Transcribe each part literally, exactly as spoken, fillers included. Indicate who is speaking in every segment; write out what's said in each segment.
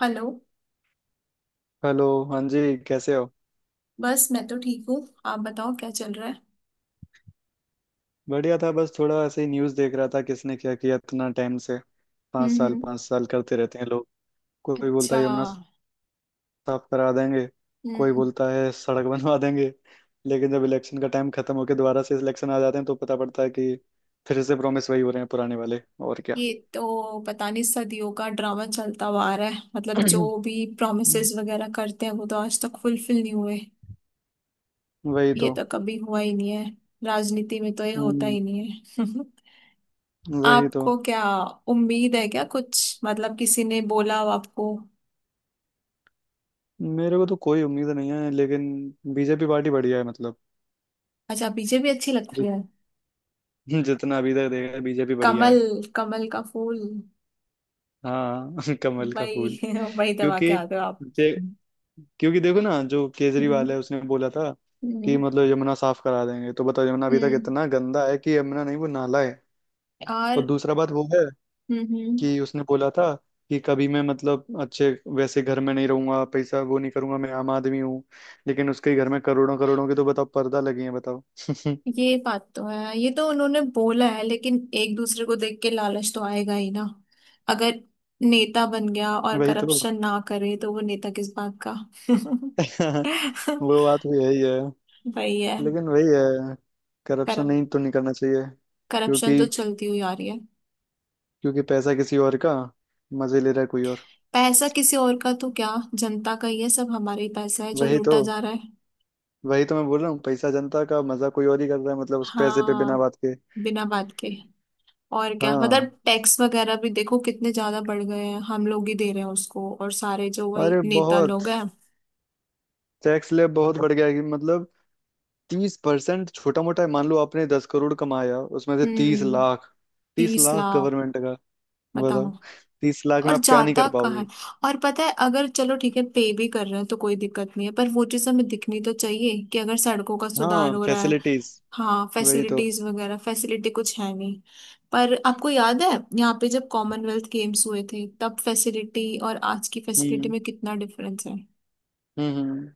Speaker 1: Hello.
Speaker 2: Hello. हाँ जी, कैसे हो?
Speaker 1: बस मैं तो ठीक हूँ। आप बताओ क्या चल रहा है।
Speaker 2: बढ़िया था, बस थोड़ा ऐसे ही न्यूज़ देख रहा था, किसने क्या किया इतना टाइम से। पाँच
Speaker 1: हम्म
Speaker 2: साल
Speaker 1: हम्म।
Speaker 2: पाँच साल करते रहते हैं लोग। कोई बोलता
Speaker 1: अच्छा।
Speaker 2: है यमुना साफ करा देंगे, कोई
Speaker 1: हम्म।
Speaker 2: बोलता है सड़क बनवा देंगे। लेकिन जब इलेक्शन का टाइम खत्म होकर दोबारा से इलेक्शन आ जाते हैं तो पता पड़ता है कि फिर से प्रॉमिस वही हो रहे हैं, पुराने वाले। और क्या।
Speaker 1: ये तो पता नहीं, सदियों का ड्रामा चलता हुआ आ रहा है। मतलब जो भी प्रॉमिसेस वगैरह करते हैं वो तो आज तक फुलफिल नहीं हुए।
Speaker 2: वही
Speaker 1: ये
Speaker 2: तो।
Speaker 1: तो कभी हुआ ही नहीं है। राजनीति में तो ये होता
Speaker 2: हम्म,
Speaker 1: ही नहीं है
Speaker 2: वही तो।
Speaker 1: आपको क्या उम्मीद है क्या, कुछ मतलब किसी ने बोला हो आपको।
Speaker 2: मेरे को तो कोई उम्मीद नहीं है, लेकिन बी जे पी पार्टी बढ़िया है, मतलब
Speaker 1: अच्छा, बी जे पी अच्छी लगती
Speaker 2: जित-
Speaker 1: है।
Speaker 2: जितना अभी तक देखा है, बी जे पी बढ़िया
Speaker 1: कमल,
Speaker 2: है।
Speaker 1: कमल का फूल।
Speaker 2: हाँ कमल का
Speaker 1: वही
Speaker 2: फूल।
Speaker 1: वही दबा के
Speaker 2: क्योंकि
Speaker 1: आते हो आप।
Speaker 2: दे, क्योंकि देखो ना, जो केजरीवाल है, उसने बोला था कि
Speaker 1: हम्म
Speaker 2: मतलब यमुना साफ करा देंगे, तो बताओ यमुना अभी तक
Speaker 1: हम्म।
Speaker 2: इतना गंदा है कि यमुना नहीं वो नाला है। और
Speaker 1: और।
Speaker 2: दूसरा बात वो है
Speaker 1: हम्म हम्म।
Speaker 2: कि उसने बोला था कि कभी मैं मतलब अच्छे वैसे घर में नहीं रहूंगा, पैसा वो नहीं करूंगा, मैं आम आदमी हूँ। लेकिन उसके घर में करोड़ों करोड़ों के तो बताओ पर्दा लगे हैं, बताओ।
Speaker 1: ये बात तो है, ये तो उन्होंने बोला है, लेकिन एक दूसरे को देख के लालच तो आएगा ही ना। अगर नेता बन गया और
Speaker 2: वही तो।
Speaker 1: करप्शन ना करे तो वो नेता किस बात का।
Speaker 2: वो बात भी है ही है,
Speaker 1: वही है।
Speaker 2: लेकिन वही है। करप्शन
Speaker 1: करप
Speaker 2: नहीं तो नहीं करना चाहिए।
Speaker 1: करप्शन तो
Speaker 2: क्योंकि
Speaker 1: चलती हुई आ रही है।
Speaker 2: क्योंकि पैसा किसी और का, मजे ले रहा है कोई और।
Speaker 1: पैसा किसी और का तो क्या, जनता का ही है, सब हमारा ही पैसा है जो
Speaker 2: वही तो।
Speaker 1: लूटा जा रहा है।
Speaker 2: वही तो मैं बोल रहा हूँ, पैसा जनता का, मजा कोई और ही कर रहा है मतलब उस पैसे पे
Speaker 1: हाँ
Speaker 2: बिना बात के।
Speaker 1: बिना बात के। और क्या, मतलब
Speaker 2: हाँ।
Speaker 1: टैक्स वगैरह भी देखो कितने ज्यादा बढ़ गए हैं, हम लोग ही दे रहे हैं उसको, और सारे जो वही
Speaker 2: अरे
Speaker 1: नेता
Speaker 2: बहुत
Speaker 1: लोग हैं।
Speaker 2: टैक्स ले बहुत बढ़ गया है कि मतलब तीस परसेंट छोटा मोटा है। मान लो आपने दस करोड़ कमाया, उसमें से तीस
Speaker 1: हम्म।
Speaker 2: लाख तीस
Speaker 1: तीस
Speaker 2: लाख
Speaker 1: लाख
Speaker 2: गवर्नमेंट का। बताओ
Speaker 1: बताओ।
Speaker 2: तीस लाख में
Speaker 1: और
Speaker 2: आप क्या नहीं
Speaker 1: जाता
Speaker 2: कर
Speaker 1: कहाँ है।
Speaker 2: पाओगे।
Speaker 1: और पता है, अगर चलो ठीक है पे भी कर रहे हैं तो कोई दिक्कत नहीं है, पर वो चीज हमें दिखनी तो चाहिए कि अगर सड़कों का सुधार
Speaker 2: हाँ
Speaker 1: हो रहा है।
Speaker 2: फैसिलिटीज।
Speaker 1: हाँ
Speaker 2: वही तो।
Speaker 1: फैसिलिटीज वगैरह, फैसिलिटी कुछ है नहीं। पर आपको याद है, यहाँ पे जब कॉमनवेल्थ गेम्स हुए थे तब फैसिलिटी और आज की फैसिलिटी
Speaker 2: हम्म
Speaker 1: में कितना डिफरेंस है।
Speaker 2: हम्म हम्म।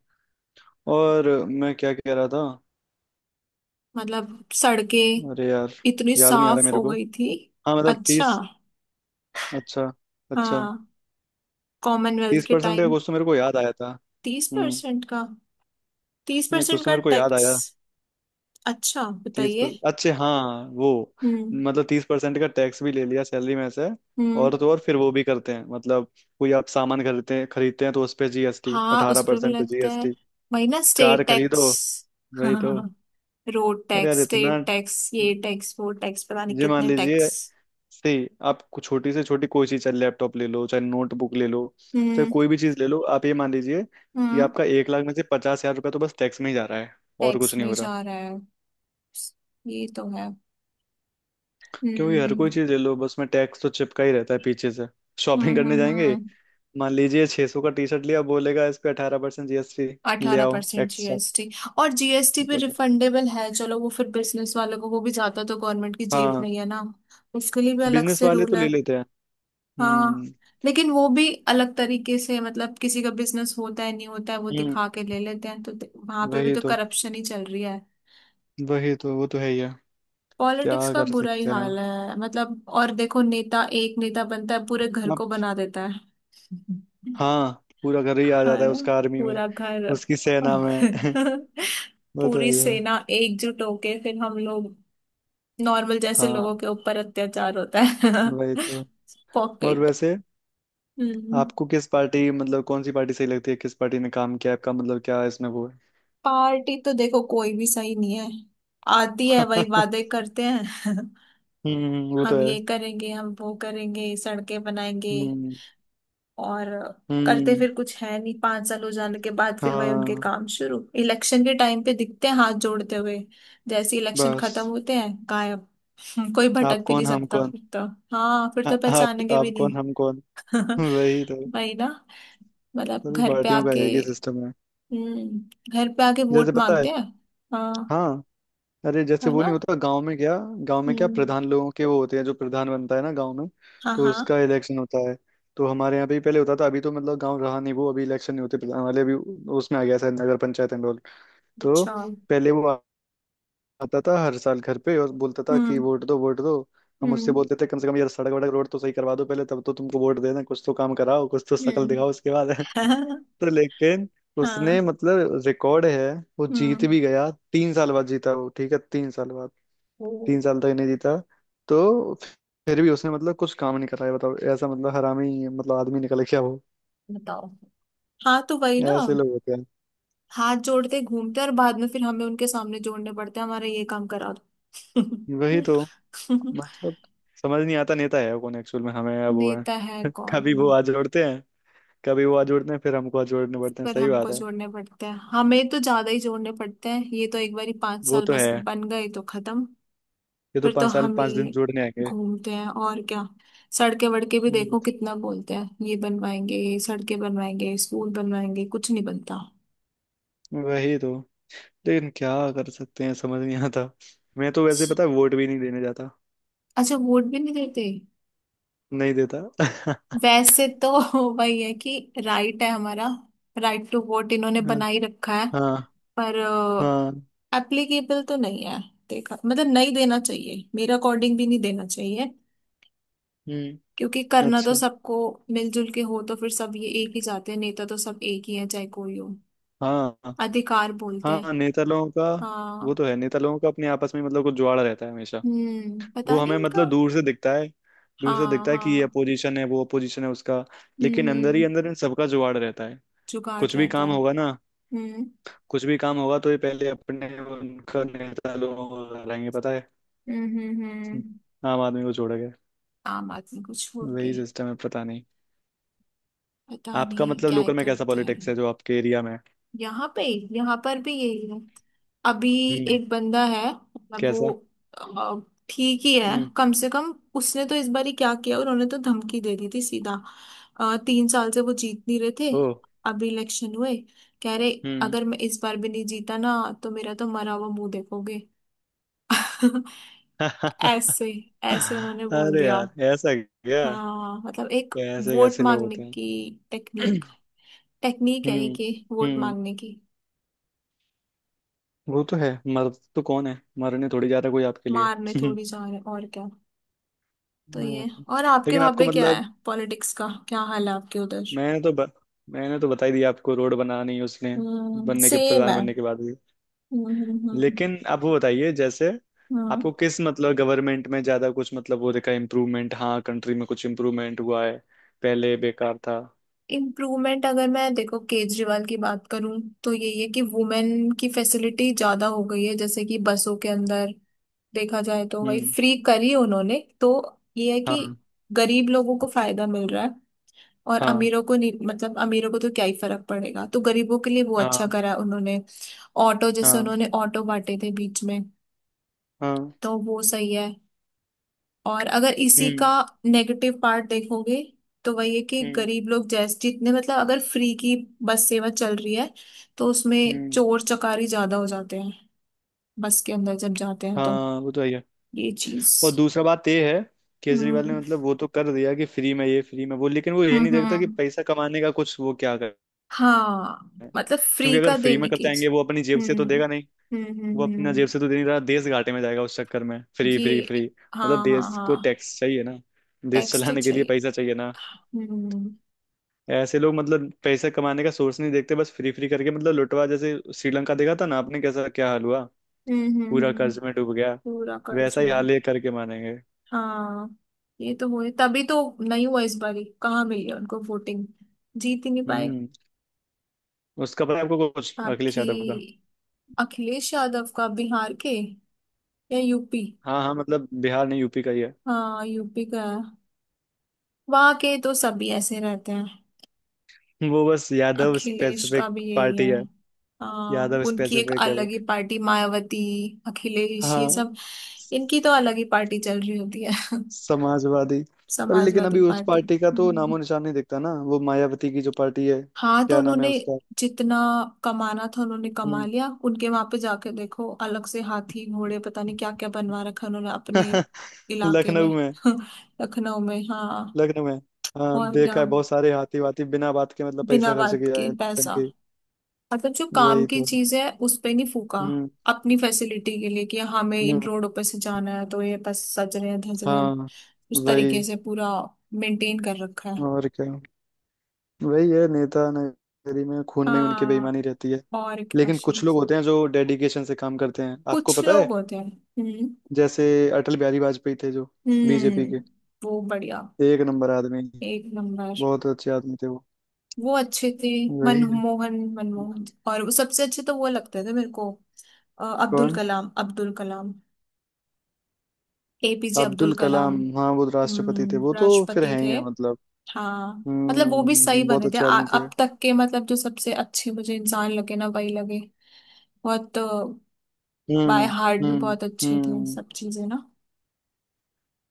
Speaker 2: और मैं क्या कह रहा था?
Speaker 1: मतलब सड़कें
Speaker 2: अरे यार,
Speaker 1: इतनी
Speaker 2: याद नहीं आ रहा
Speaker 1: साफ
Speaker 2: मेरे
Speaker 1: हो
Speaker 2: को।
Speaker 1: गई थी।
Speaker 2: हाँ, मतलब
Speaker 1: अच्छा।
Speaker 2: तीस। अच्छा, अच्छा,
Speaker 1: हाँ, कॉमनवेल्थ
Speaker 2: तीस
Speaker 1: के
Speaker 2: परसेंट का
Speaker 1: टाइम।
Speaker 2: कुछ तो मेरे को याद आया था।
Speaker 1: तीस
Speaker 2: हम्म।
Speaker 1: परसेंट का, तीस
Speaker 2: नहीं,
Speaker 1: परसेंट
Speaker 2: कुछ तो
Speaker 1: का
Speaker 2: मेरे को याद
Speaker 1: टैक्स।
Speaker 2: आया।
Speaker 1: अच्छा
Speaker 2: तीस
Speaker 1: बताइए।
Speaker 2: पर अच्छे, हाँ वो
Speaker 1: हम्म
Speaker 2: मतलब तीस परसेंट का टैक्स भी ले लिया सैलरी में से।
Speaker 1: हम्म।
Speaker 2: और तो और फिर वो भी करते हैं, मतलब कोई आप सामान खरीदते हैं खरीदते हैं तो उस पे जी एस टी,
Speaker 1: हाँ उस
Speaker 2: अठारह
Speaker 1: पर भी
Speaker 2: परसेंट
Speaker 1: लगता है,
Speaker 2: जी एस टी।
Speaker 1: वही ना
Speaker 2: कार
Speaker 1: स्टेट टैक्स।
Speaker 2: खरीदो। वही तो।
Speaker 1: हाँ रोड
Speaker 2: अरे यार
Speaker 1: टैक्स,
Speaker 2: इतना,
Speaker 1: स्टेट टैक्स ये टैक्स वो टैक्स, पता नहीं
Speaker 2: ये मान
Speaker 1: कितने
Speaker 2: लीजिए,
Speaker 1: टैक्स।
Speaker 2: सही, आप कुछ छोटी से छोटी कोई चीज, चाहे लैपटॉप ले लो, चाहे नोटबुक ले लो, चाहे
Speaker 1: हम्म
Speaker 2: कोई भी चीज ले लो, आप ये मान लीजिए कि
Speaker 1: हम्म।
Speaker 2: आपका एक लाख में से पचास हजार रुपया तो बस टैक्स में ही जा रहा है, और
Speaker 1: टैक्स
Speaker 2: कुछ
Speaker 1: में
Speaker 2: नहीं
Speaker 1: ही
Speaker 2: हो रहा।
Speaker 1: जा रहा है। ये तो है।
Speaker 2: क्योंकि हर
Speaker 1: हम्म
Speaker 2: कोई चीज ले लो, बस में टैक्स तो चिपका ही रहता है पीछे से।
Speaker 1: हम्म
Speaker 2: शॉपिंग करने
Speaker 1: हम्म हम्म।
Speaker 2: जाएंगे,
Speaker 1: हम्म।
Speaker 2: मान लीजिए छह सौ का टी शर्ट लिया, बोलेगा इस पे अठारह परसेंट जीएसटी, ले
Speaker 1: अठारह
Speaker 2: आओ
Speaker 1: percent
Speaker 2: extra.
Speaker 1: G S T. और जीएसटी भी
Speaker 2: मतलब
Speaker 1: रिफंडेबल है, चलो वो फिर बिजनेस वालों को, वो भी जाता तो गवर्नमेंट की जेब
Speaker 2: हाँ,
Speaker 1: नहीं है ना। उसके लिए भी अलग
Speaker 2: बिजनेस
Speaker 1: से
Speaker 2: वाले
Speaker 1: रूल
Speaker 2: तो
Speaker 1: है।
Speaker 2: ले लेते हैं।
Speaker 1: हाँ।
Speaker 2: हम्म।
Speaker 1: लेकिन वो भी अलग तरीके से, मतलब किसी का बिजनेस होता है नहीं होता है वो
Speaker 2: हम्म,
Speaker 1: दिखा के ले लेते हैं, तो वहां पे भी
Speaker 2: वही
Speaker 1: तो
Speaker 2: तो।
Speaker 1: करप्शन ही चल रही है।
Speaker 2: वही तो, वो तो है ही है। क्या
Speaker 1: पॉलिटिक्स का
Speaker 2: कर
Speaker 1: बुरा ही
Speaker 2: सकते हैं।
Speaker 1: हाल है, मतलब और देखो, नेता, एक नेता बनता है पूरे घर को बना देता है
Speaker 2: हाँ, पूरा घर ही आ जाता
Speaker 1: हाँ
Speaker 2: है
Speaker 1: ना,
Speaker 2: उसका आर्मी में,
Speaker 1: पूरा घर।
Speaker 2: उसकी सेना
Speaker 1: और
Speaker 2: में। वो तो है
Speaker 1: पूरी
Speaker 2: ही है।
Speaker 1: सेना एकजुट होके फिर हम लोग, नॉर्मल जैसे
Speaker 2: हाँ,
Speaker 1: लोगों के ऊपर अत्याचार होता है।
Speaker 2: वही तो। और
Speaker 1: पॉकेट।
Speaker 2: वैसे
Speaker 1: हम्म।
Speaker 2: आपको किस पार्टी मतलब कौन सी पार्टी सही लगती है, किस पार्टी ने काम किया आपका, मतलब क्या इसमें वो है?
Speaker 1: पार्टी तो देखो कोई भी सही नहीं है। आती है वही वादे करते हैं
Speaker 2: हम्म, वो तो
Speaker 1: हम
Speaker 2: है।
Speaker 1: ये करेंगे, हम वो करेंगे, सड़कें बनाएंगे।
Speaker 2: हम्म
Speaker 1: और करते
Speaker 2: हम्म।
Speaker 1: फिर कुछ है नहीं, पांच साल हो जाने के बाद फिर वही उनके
Speaker 2: हाँ।
Speaker 1: काम शुरू, इलेक्शन के टाइम पे दिखते हैं हाथ जोड़ते हुए। जैसे इलेक्शन खत्म
Speaker 2: बस,
Speaker 1: होते हैं, गायब। हम्म, कोई
Speaker 2: आप
Speaker 1: भटक भी नहीं
Speaker 2: कौन हम
Speaker 1: सकता
Speaker 2: कौन।
Speaker 1: फिर तो। हाँ फिर
Speaker 2: आ,
Speaker 1: तो
Speaker 2: आप
Speaker 1: पहचानेंगे भी
Speaker 2: आप
Speaker 1: नहीं।
Speaker 2: कौन हम कौन। वही तो।
Speaker 1: वही ना। मतलब
Speaker 2: सभी
Speaker 1: घर पे
Speaker 2: पार्टियों का
Speaker 1: आके।
Speaker 2: एक ही सिस्टम है।
Speaker 1: हम्म। घर पे आके
Speaker 2: जैसे
Speaker 1: वोट
Speaker 2: पता है,
Speaker 1: मांगते हैं। हाँ।
Speaker 2: हाँ, अरे जैसे
Speaker 1: है
Speaker 2: वो
Speaker 1: ना।
Speaker 2: नहीं होता गांव में क्या, गांव में क्या,
Speaker 1: हम्म।
Speaker 2: प्रधान लोगों के वो होते हैं, जो प्रधान बनता है ना गांव में,
Speaker 1: हाँ
Speaker 2: तो
Speaker 1: हाँ।
Speaker 2: उसका इलेक्शन होता है। तो हमारे यहाँ पे भी पहले होता था, अभी तो मतलब गांव रहा नहीं वो, अभी इलेक्शन नहीं होते प्रधान वाले अभी, उसमें आ गया शायद नगर पंचायत एंड ऑल। तो
Speaker 1: अच्छा।
Speaker 2: पहले वो आता था हर साल घर पे और बोलता था कि
Speaker 1: हम्म
Speaker 2: वोट दो, वोट दो। हम उससे
Speaker 1: हम्म
Speaker 2: बोलते थे, कम से कम यार सड़क वड़क रोड तो सही करवा दो पहले, तब तो तुमको वोट देना, कुछ तो काम कराओ, कुछ तो शक्ल
Speaker 1: हम्म
Speaker 2: दिखाओ उसके बाद। तो लेकिन उसने
Speaker 1: हाँ।
Speaker 2: मतलब रिकॉर्ड है, वो जीत
Speaker 1: हम्म।
Speaker 2: भी गया तीन साल बाद जीता वो, ठीक है, तीन साल बाद।
Speaker 1: ओ।
Speaker 2: तीन साल तक नहीं जीता तो। फिर भी उसने मतलब कुछ काम नहीं करा है, बताओ ऐसा मतलब हरामी मतलब आदमी निकल क्या वो।
Speaker 1: बताओ। हाँ तो वही ना।
Speaker 2: ऐसे लोग होते हैं।
Speaker 1: हाथ जोड़ते घूमते, और बाद में फिर हमें उनके सामने जोड़ने पड़ते हैं, हमारा ये काम करा
Speaker 2: वही तो
Speaker 1: दो
Speaker 2: मतलब, समझ नहीं आता नेता है कौन एक्चुअल में, हमें या वो
Speaker 1: नेता है
Speaker 2: है। कभी वो
Speaker 1: कौन।
Speaker 2: आज जोड़ते हैं, कभी वो आज जोड़ते हैं, फिर हमको आज जोड़ने पड़ते हैं।
Speaker 1: पर
Speaker 2: सही
Speaker 1: हमको
Speaker 2: बात है।
Speaker 1: जोड़ने पड़ते हैं, हमें तो ज्यादा ही जोड़ने पड़ते हैं, ये तो एक बारी पांच
Speaker 2: वो
Speaker 1: साल
Speaker 2: तो
Speaker 1: बस
Speaker 2: है,
Speaker 1: बन गए तो खत्म।
Speaker 2: ये तो
Speaker 1: फिर तो
Speaker 2: पाँच साल
Speaker 1: हम
Speaker 2: पाँच दिन
Speaker 1: ही
Speaker 2: जोड़ने आएंगे।
Speaker 1: घूमते हैं, और क्या। सड़के वड़के भी
Speaker 2: हम्म,
Speaker 1: देखो कितना बोलते हैं, ये बनवाएंगे, ये सड़कें बनवाएंगे, स्कूल बनवाएंगे, कुछ नहीं बनता।
Speaker 2: वही तो। लेकिन क्या कर सकते हैं, समझ नहीं आता। मैं तो वैसे पता है, वोट भी नहीं देने जाता।
Speaker 1: अच्छा, वोट भी नहीं देते।
Speaker 2: नहीं देता।
Speaker 1: वैसे तो वही है कि राइट है हमारा, राइट टू वोट इन्होंने
Speaker 2: हाँ।
Speaker 1: बना ही रखा है।
Speaker 2: हाँ।
Speaker 1: पर
Speaker 2: हाँ,
Speaker 1: एप्लीकेबल तो नहीं है। देखा, मतलब नहीं देना चाहिए, मेरे अकॉर्डिंग भी नहीं देना चाहिए।
Speaker 2: हम्म।
Speaker 1: क्योंकि करना तो
Speaker 2: अच्छा।
Speaker 1: सबको मिलजुल के हो, तो फिर सब ये एक ही चाहते हैं, नेता तो सब एक ही है चाहे कोई हो।
Speaker 2: हाँ,
Speaker 1: अधिकार बोलते हैं।
Speaker 2: हाँ नेता लोगों का। वो
Speaker 1: हाँ।
Speaker 2: तो है, नेता लोगों का अपने आपस में मतलब कुछ जुआड़ा रहता है हमेशा।
Speaker 1: हम्म,
Speaker 2: वो
Speaker 1: पता नहीं
Speaker 2: हमें
Speaker 1: इनका।
Speaker 2: मतलब दूर से दिखता है, दूर से
Speaker 1: हाँ
Speaker 2: दिखता है कि ये
Speaker 1: हाँ।
Speaker 2: अपोजिशन है, वो अपोजिशन है उसका।
Speaker 1: हम्म
Speaker 2: लेकिन अंदर ही
Speaker 1: हम्म।
Speaker 2: अंदर इन सबका जुआड़ रहता है।
Speaker 1: जुगाड़
Speaker 2: कुछ भी
Speaker 1: रहता
Speaker 2: काम
Speaker 1: है।
Speaker 2: होगा ना,
Speaker 1: हम्म
Speaker 2: कुछ भी काम होगा तो ये पहले अपने उनका नेता लोगों को लड़ाएंगे, पता है।
Speaker 1: हम्म हम्म
Speaker 2: हम्म,
Speaker 1: हम्म।
Speaker 2: आम आदमी को छोड़ के।
Speaker 1: आम आदमी को छोड़
Speaker 2: वही
Speaker 1: के।
Speaker 2: सिस्टम है, पता नहीं।
Speaker 1: पता
Speaker 2: आपका
Speaker 1: नहीं
Speaker 2: मतलब
Speaker 1: क्या ही
Speaker 2: लोकल में कैसा
Speaker 1: करते
Speaker 2: पॉलिटिक्स है,
Speaker 1: हैं।
Speaker 2: जो आपके एरिया में है?
Speaker 1: यहाँ पे, यहाँ पर भी यही है। अभी
Speaker 2: हम्म।
Speaker 1: एक बंदा है, मतलब वो
Speaker 2: कैसा?
Speaker 1: अ, ठीक ही है,
Speaker 2: हम्म।
Speaker 1: कम से कम उसने तो इस बार ही क्या किया, उन्होंने तो धमकी दे दी थी सीधा। अ, तीन साल से वो जीत नहीं रहे थे।
Speaker 2: ओ।
Speaker 1: अभी इलेक्शन हुए, कह रहे,
Speaker 2: हम्म।
Speaker 1: अगर मैं इस बार भी नहीं जीता ना, तो मेरा तो मरा हुआ मुंह देखोगे ऐसे, ऐसे उन्होंने बोल
Speaker 2: अरे
Speaker 1: दिया।
Speaker 2: यार, ऐसा क्या,
Speaker 1: हाँ मतलब एक
Speaker 2: कैसे
Speaker 1: वोट
Speaker 2: कैसे लोग
Speaker 1: मांगने
Speaker 2: होते
Speaker 1: की
Speaker 2: हैं।
Speaker 1: टेक्निक, टेक्निक है ये
Speaker 2: हम्म।
Speaker 1: कि वोट
Speaker 2: हम्म,
Speaker 1: मांगने की।
Speaker 2: वो तो है। मर तो कौन है मरने थोड़ी जा रहा कोई आपके
Speaker 1: मारने
Speaker 2: लिए।
Speaker 1: थोड़ी जा रहे हैं, और क्या। तो
Speaker 2: हाँ।
Speaker 1: ये, और आपके
Speaker 2: लेकिन
Speaker 1: वहां
Speaker 2: आपको
Speaker 1: पे क्या है,
Speaker 2: मतलब,
Speaker 1: पॉलिटिक्स का क्या हाल है आपके उधर।
Speaker 2: मैंने तो ब, मैंने तो बता ही दिया आपको, रोड बनानी उसने
Speaker 1: हम्म
Speaker 2: बनने के,
Speaker 1: सेम
Speaker 2: प्रधान
Speaker 1: है।
Speaker 2: बनने के बाद भी।
Speaker 1: हम्म हम्म
Speaker 2: लेकिन आप वो बताइए जैसे
Speaker 1: हम्म।
Speaker 2: आपको किस मतलब गवर्नमेंट में ज्यादा कुछ मतलब वो देखा इम्प्रूवमेंट, हाँ, कंट्री में कुछ इम्प्रूवमेंट हुआ है, पहले बेकार था।
Speaker 1: इम्प्रूवमेंट अगर मैं देखो, केजरीवाल की बात करूं तो यही है कि वुमेन की फैसिलिटी ज्यादा हो गई है, जैसे कि बसों के अंदर, देखा जाए तो वही
Speaker 2: हम्म।
Speaker 1: फ्री करी उन्होंने तो। ये है कि
Speaker 2: हाँ
Speaker 1: गरीब लोगों को फायदा मिल रहा है, और
Speaker 2: हाँ
Speaker 1: अमीरों को नहीं, मतलब अमीरों को तो क्या ही फर्क पड़ेगा, तो गरीबों के लिए वो अच्छा
Speaker 2: हाँ
Speaker 1: करा है उन्होंने। ऑटो, जैसे
Speaker 2: हाँ
Speaker 1: उन्होंने ऑटो बांटे थे बीच में,
Speaker 2: हाँ।
Speaker 1: तो वो सही है। और अगर इसी का
Speaker 2: हम्म
Speaker 1: नेगेटिव पार्ट देखोगे तो वही है कि
Speaker 2: हम्म
Speaker 1: गरीब लोग, जैसे जितने, मतलब अगर फ्री की बस सेवा चल रही है तो उसमें
Speaker 2: हम्म।
Speaker 1: चोर चकारी ज्यादा हो जाते हैं, बस के अंदर जब जाते हैं, तो
Speaker 2: हाँ, वो तो है।
Speaker 1: ये चीज।
Speaker 2: और दूसरा बात ये है, केजरीवाल ने
Speaker 1: हम्म
Speaker 2: मतलब वो तो कर दिया कि फ्री में ये, फ्री में वो, लेकिन वो ये नहीं
Speaker 1: हम्म
Speaker 2: देखता कि
Speaker 1: हम्म।
Speaker 2: पैसा कमाने का कुछ वो क्या कर।
Speaker 1: हाँ मतलब
Speaker 2: क्योंकि
Speaker 1: फ्री
Speaker 2: अगर
Speaker 1: का
Speaker 2: फ्री
Speaker 1: देने
Speaker 2: में करते
Speaker 1: की।
Speaker 2: आएंगे, वो अपनी जेब से
Speaker 1: हम्म
Speaker 2: तो देगा नहीं,
Speaker 1: हम्म
Speaker 2: वो
Speaker 1: हम्म
Speaker 2: अपना
Speaker 1: हम्म।
Speaker 2: जेब से तो दे नहीं रहा, देश घाटे में जाएगा उस चक्कर में, फ्री फ्री
Speaker 1: ये,
Speaker 2: फ्री। मतलब
Speaker 1: हाँ हाँ
Speaker 2: देश को
Speaker 1: हाँ।
Speaker 2: टैक्स चाहिए ना, देश
Speaker 1: टैक्स तो
Speaker 2: चलाने के लिए
Speaker 1: चाहिए।
Speaker 2: पैसा चाहिए ना।
Speaker 1: हम्म
Speaker 2: ऐसे लोग मतलब पैसा कमाने का सोर्स नहीं देखते, बस फ्री फ्री करके मतलब लुटवा, जैसे श्रीलंका देखा था ना आपने कैसा क्या हाल हुआ,
Speaker 1: हम्म हम्म
Speaker 2: पूरा
Speaker 1: हम्म।
Speaker 2: कर्ज में डूब गया।
Speaker 1: पूरा कर्ज
Speaker 2: वैसा ही
Speaker 1: में।
Speaker 2: हाल ये करके मानेंगे।
Speaker 1: हाँ ये तो हुए तभी, तो नहीं हुआ इस बारी, कहाँ मिली उनको वोटिंग, जीत ही नहीं पाए।
Speaker 2: हम्म। उसका पता है आपको कुछ, अखिलेश
Speaker 1: बाकी
Speaker 2: यादव,
Speaker 1: अखिलेश यादव का, बिहार के या यूपी।
Speaker 2: हाँ हाँ मतलब बिहार नहीं यूपी का ही है।
Speaker 1: हाँ यूपी का है, वहाँ के तो सभी ऐसे रहते हैं।
Speaker 2: वो बस यादव
Speaker 1: अखिलेश का
Speaker 2: स्पेसिफिक
Speaker 1: भी यही
Speaker 2: पार्टी
Speaker 1: है।
Speaker 2: है।
Speaker 1: हाँ
Speaker 2: यादव
Speaker 1: उनकी एक
Speaker 2: स्पेसिफिक है वो।
Speaker 1: अलग ही पार्टी, मायावती, अखिलेश, ये
Speaker 2: हाँ।
Speaker 1: सब।
Speaker 2: स-
Speaker 1: इनकी तो अलग ही पार्टी चल रही होती है
Speaker 2: समाजवादी। पर लेकिन
Speaker 1: समाजवादी
Speaker 2: अभी उस
Speaker 1: पार्टी।
Speaker 2: पार्टी का तो नामो निशान नहीं दिखता ना, वो मायावती की जो पार्टी है,
Speaker 1: हाँ तो
Speaker 2: क्या नाम है
Speaker 1: उन्होंने
Speaker 2: उसका।
Speaker 1: जितना कमाना था उन्होंने कमा
Speaker 2: हम्म।
Speaker 1: लिया, उनके वहां पे जाके देखो अलग से हाथी घोड़े पता नहीं क्या क्या बनवा रखा उन्होंने अपने इलाके
Speaker 2: लखनऊ
Speaker 1: में
Speaker 2: में।
Speaker 1: लखनऊ में हाँ।
Speaker 2: लखनऊ में, हाँ
Speaker 1: और क्या,
Speaker 2: देखा है बहुत सारे हाथी वाथी बिना बात के मतलब
Speaker 1: बिना
Speaker 2: पैसा खर्च
Speaker 1: बात के
Speaker 2: किया है,
Speaker 1: पैसा,
Speaker 2: नौटंकी।
Speaker 1: मतलब जो काम
Speaker 2: वही
Speaker 1: की
Speaker 2: तो।
Speaker 1: चीज है उस पे नहीं फूका।
Speaker 2: हम्म।
Speaker 1: अपनी फैसिलिटी के लिए कि हाँ, हमें इन
Speaker 2: हम्म।
Speaker 1: रोडों पे से जाना है, तो ये बस सज रहे हैं धज रहे हैं,
Speaker 2: हाँ।
Speaker 1: उस तरीके
Speaker 2: वही
Speaker 1: से पूरा मेंटेन कर रखा है।
Speaker 2: और क्या, वही है, नेता नगरी में खून में ही उनकी
Speaker 1: हाँ
Speaker 2: बेईमानी रहती है।
Speaker 1: और क्या
Speaker 2: लेकिन
Speaker 1: शुरू
Speaker 2: कुछ लोग
Speaker 1: से।
Speaker 2: होते हैं जो डेडिकेशन से काम करते हैं, आपको
Speaker 1: कुछ
Speaker 2: पता है,
Speaker 1: लोग होते हैं। हम्म
Speaker 2: जैसे अटल बिहारी वाजपेयी थे, जो बी जे पी
Speaker 1: हम्म।
Speaker 2: के
Speaker 1: वो बढ़िया,
Speaker 2: एक नंबर आदमी,
Speaker 1: एक नंबर।
Speaker 2: बहुत अच्छे आदमी थे वो।
Speaker 1: वो अच्छे थे।
Speaker 2: वही है।
Speaker 1: मनमोहन, मनमोहन। और वो सबसे अच्छे तो वो लगते थे मेरे को। अ, अब्दुल
Speaker 2: कौन?
Speaker 1: कलाम, अब्दुल कलाम, ए पी जे अब्दुल
Speaker 2: अब्दुल
Speaker 1: कलाम।
Speaker 2: कलाम, हाँ वो राष्ट्रपति थे, वो
Speaker 1: हम्म,
Speaker 2: तो फिर
Speaker 1: राष्ट्रपति
Speaker 2: हैं ही
Speaker 1: थे।
Speaker 2: है मतलब।
Speaker 1: हाँ, मतलब वो भी सही
Speaker 2: हम्म, बहुत
Speaker 1: बने थे।
Speaker 2: अच्छे
Speaker 1: आ,
Speaker 2: आदमी थे।
Speaker 1: अब तक के, मतलब जो सबसे अच्छे मुझे इंसान लगे ना, वही लगे। बहुत
Speaker 2: हम्म
Speaker 1: बाय हार्ट भी
Speaker 2: हम्म
Speaker 1: बहुत अच्छे थे
Speaker 2: हम्म।
Speaker 1: सब चीजें ना।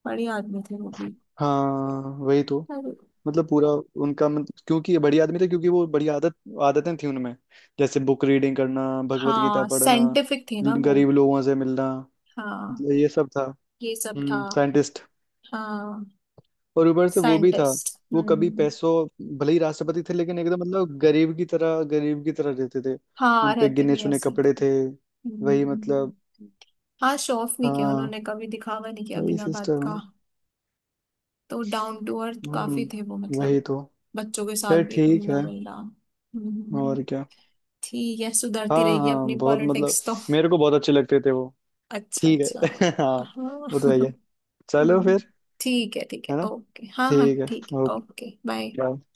Speaker 1: बढ़िया आदमी थे वो भी।
Speaker 2: हाँ वही तो,
Speaker 1: और
Speaker 2: मतलब पूरा उनका मतलब, क्योंकि ये बढ़िया आदमी थे, क्योंकि वो बढ़िया आदत, आदतें थी उनमें, जैसे बुक रीडिंग करना, भगवत गीता
Speaker 1: हाँ
Speaker 2: पढ़ना,
Speaker 1: साइंटिफिक थे ना वो।
Speaker 2: गरीब लोगों से मिलना,
Speaker 1: हाँ
Speaker 2: मतलब ये सब था।
Speaker 1: ये सब था।
Speaker 2: हम्म, साइंटिस्ट।
Speaker 1: हाँ
Speaker 2: और ऊपर से वो भी था।
Speaker 1: साइंटिस्ट।
Speaker 2: वो
Speaker 1: हम्म
Speaker 2: कभी
Speaker 1: हम्म।
Speaker 2: पैसों, भले ही राष्ट्रपति थे लेकिन एकदम मतलब गरीब की तरह, गरीब की तरह रहते थे।
Speaker 1: हाँ
Speaker 2: उन पे
Speaker 1: रहते
Speaker 2: गिने
Speaker 1: भी
Speaker 2: चुने
Speaker 1: ऐसे ही थे।
Speaker 2: कपड़े थे।
Speaker 1: हम्म
Speaker 2: वही
Speaker 1: हम्म।
Speaker 2: मतलब।
Speaker 1: हाँ, शो ऑफ नहीं किया
Speaker 2: हाँ,
Speaker 1: उन्होंने, कभी दिखावा नहीं किया
Speaker 2: वही
Speaker 1: बिना बात
Speaker 2: सिस्टम
Speaker 1: का।
Speaker 2: है।
Speaker 1: तो डाउन टू अर्थ काफी
Speaker 2: हम्म,
Speaker 1: थे वो, मतलब
Speaker 2: वही तो।
Speaker 1: बच्चों के साथ
Speaker 2: खैर,
Speaker 1: भी
Speaker 2: ठीक
Speaker 1: मिलना
Speaker 2: है।
Speaker 1: मिलना। हम्म,
Speaker 2: और
Speaker 1: हम्म।
Speaker 2: क्या।
Speaker 1: ठीक है, सुधरती
Speaker 2: हाँ
Speaker 1: रहेगी
Speaker 2: हाँ,
Speaker 1: अपनी
Speaker 2: बहुत मतलब,
Speaker 1: पॉलिटिक्स तो।
Speaker 2: मेरे को बहुत अच्छे लगते थे वो।
Speaker 1: अच्छा
Speaker 2: ठीक
Speaker 1: अच्छा।
Speaker 2: है। हाँ।
Speaker 1: हाँ
Speaker 2: वो तो है ही है। चलो
Speaker 1: हम्म।
Speaker 2: फिर।
Speaker 1: ठीक है ठीक है,
Speaker 2: है ना।
Speaker 1: ओके, हाँ हाँ
Speaker 2: ठीक है।
Speaker 1: ठीक है,
Speaker 2: ओके।
Speaker 1: Okay bye.
Speaker 2: बाय।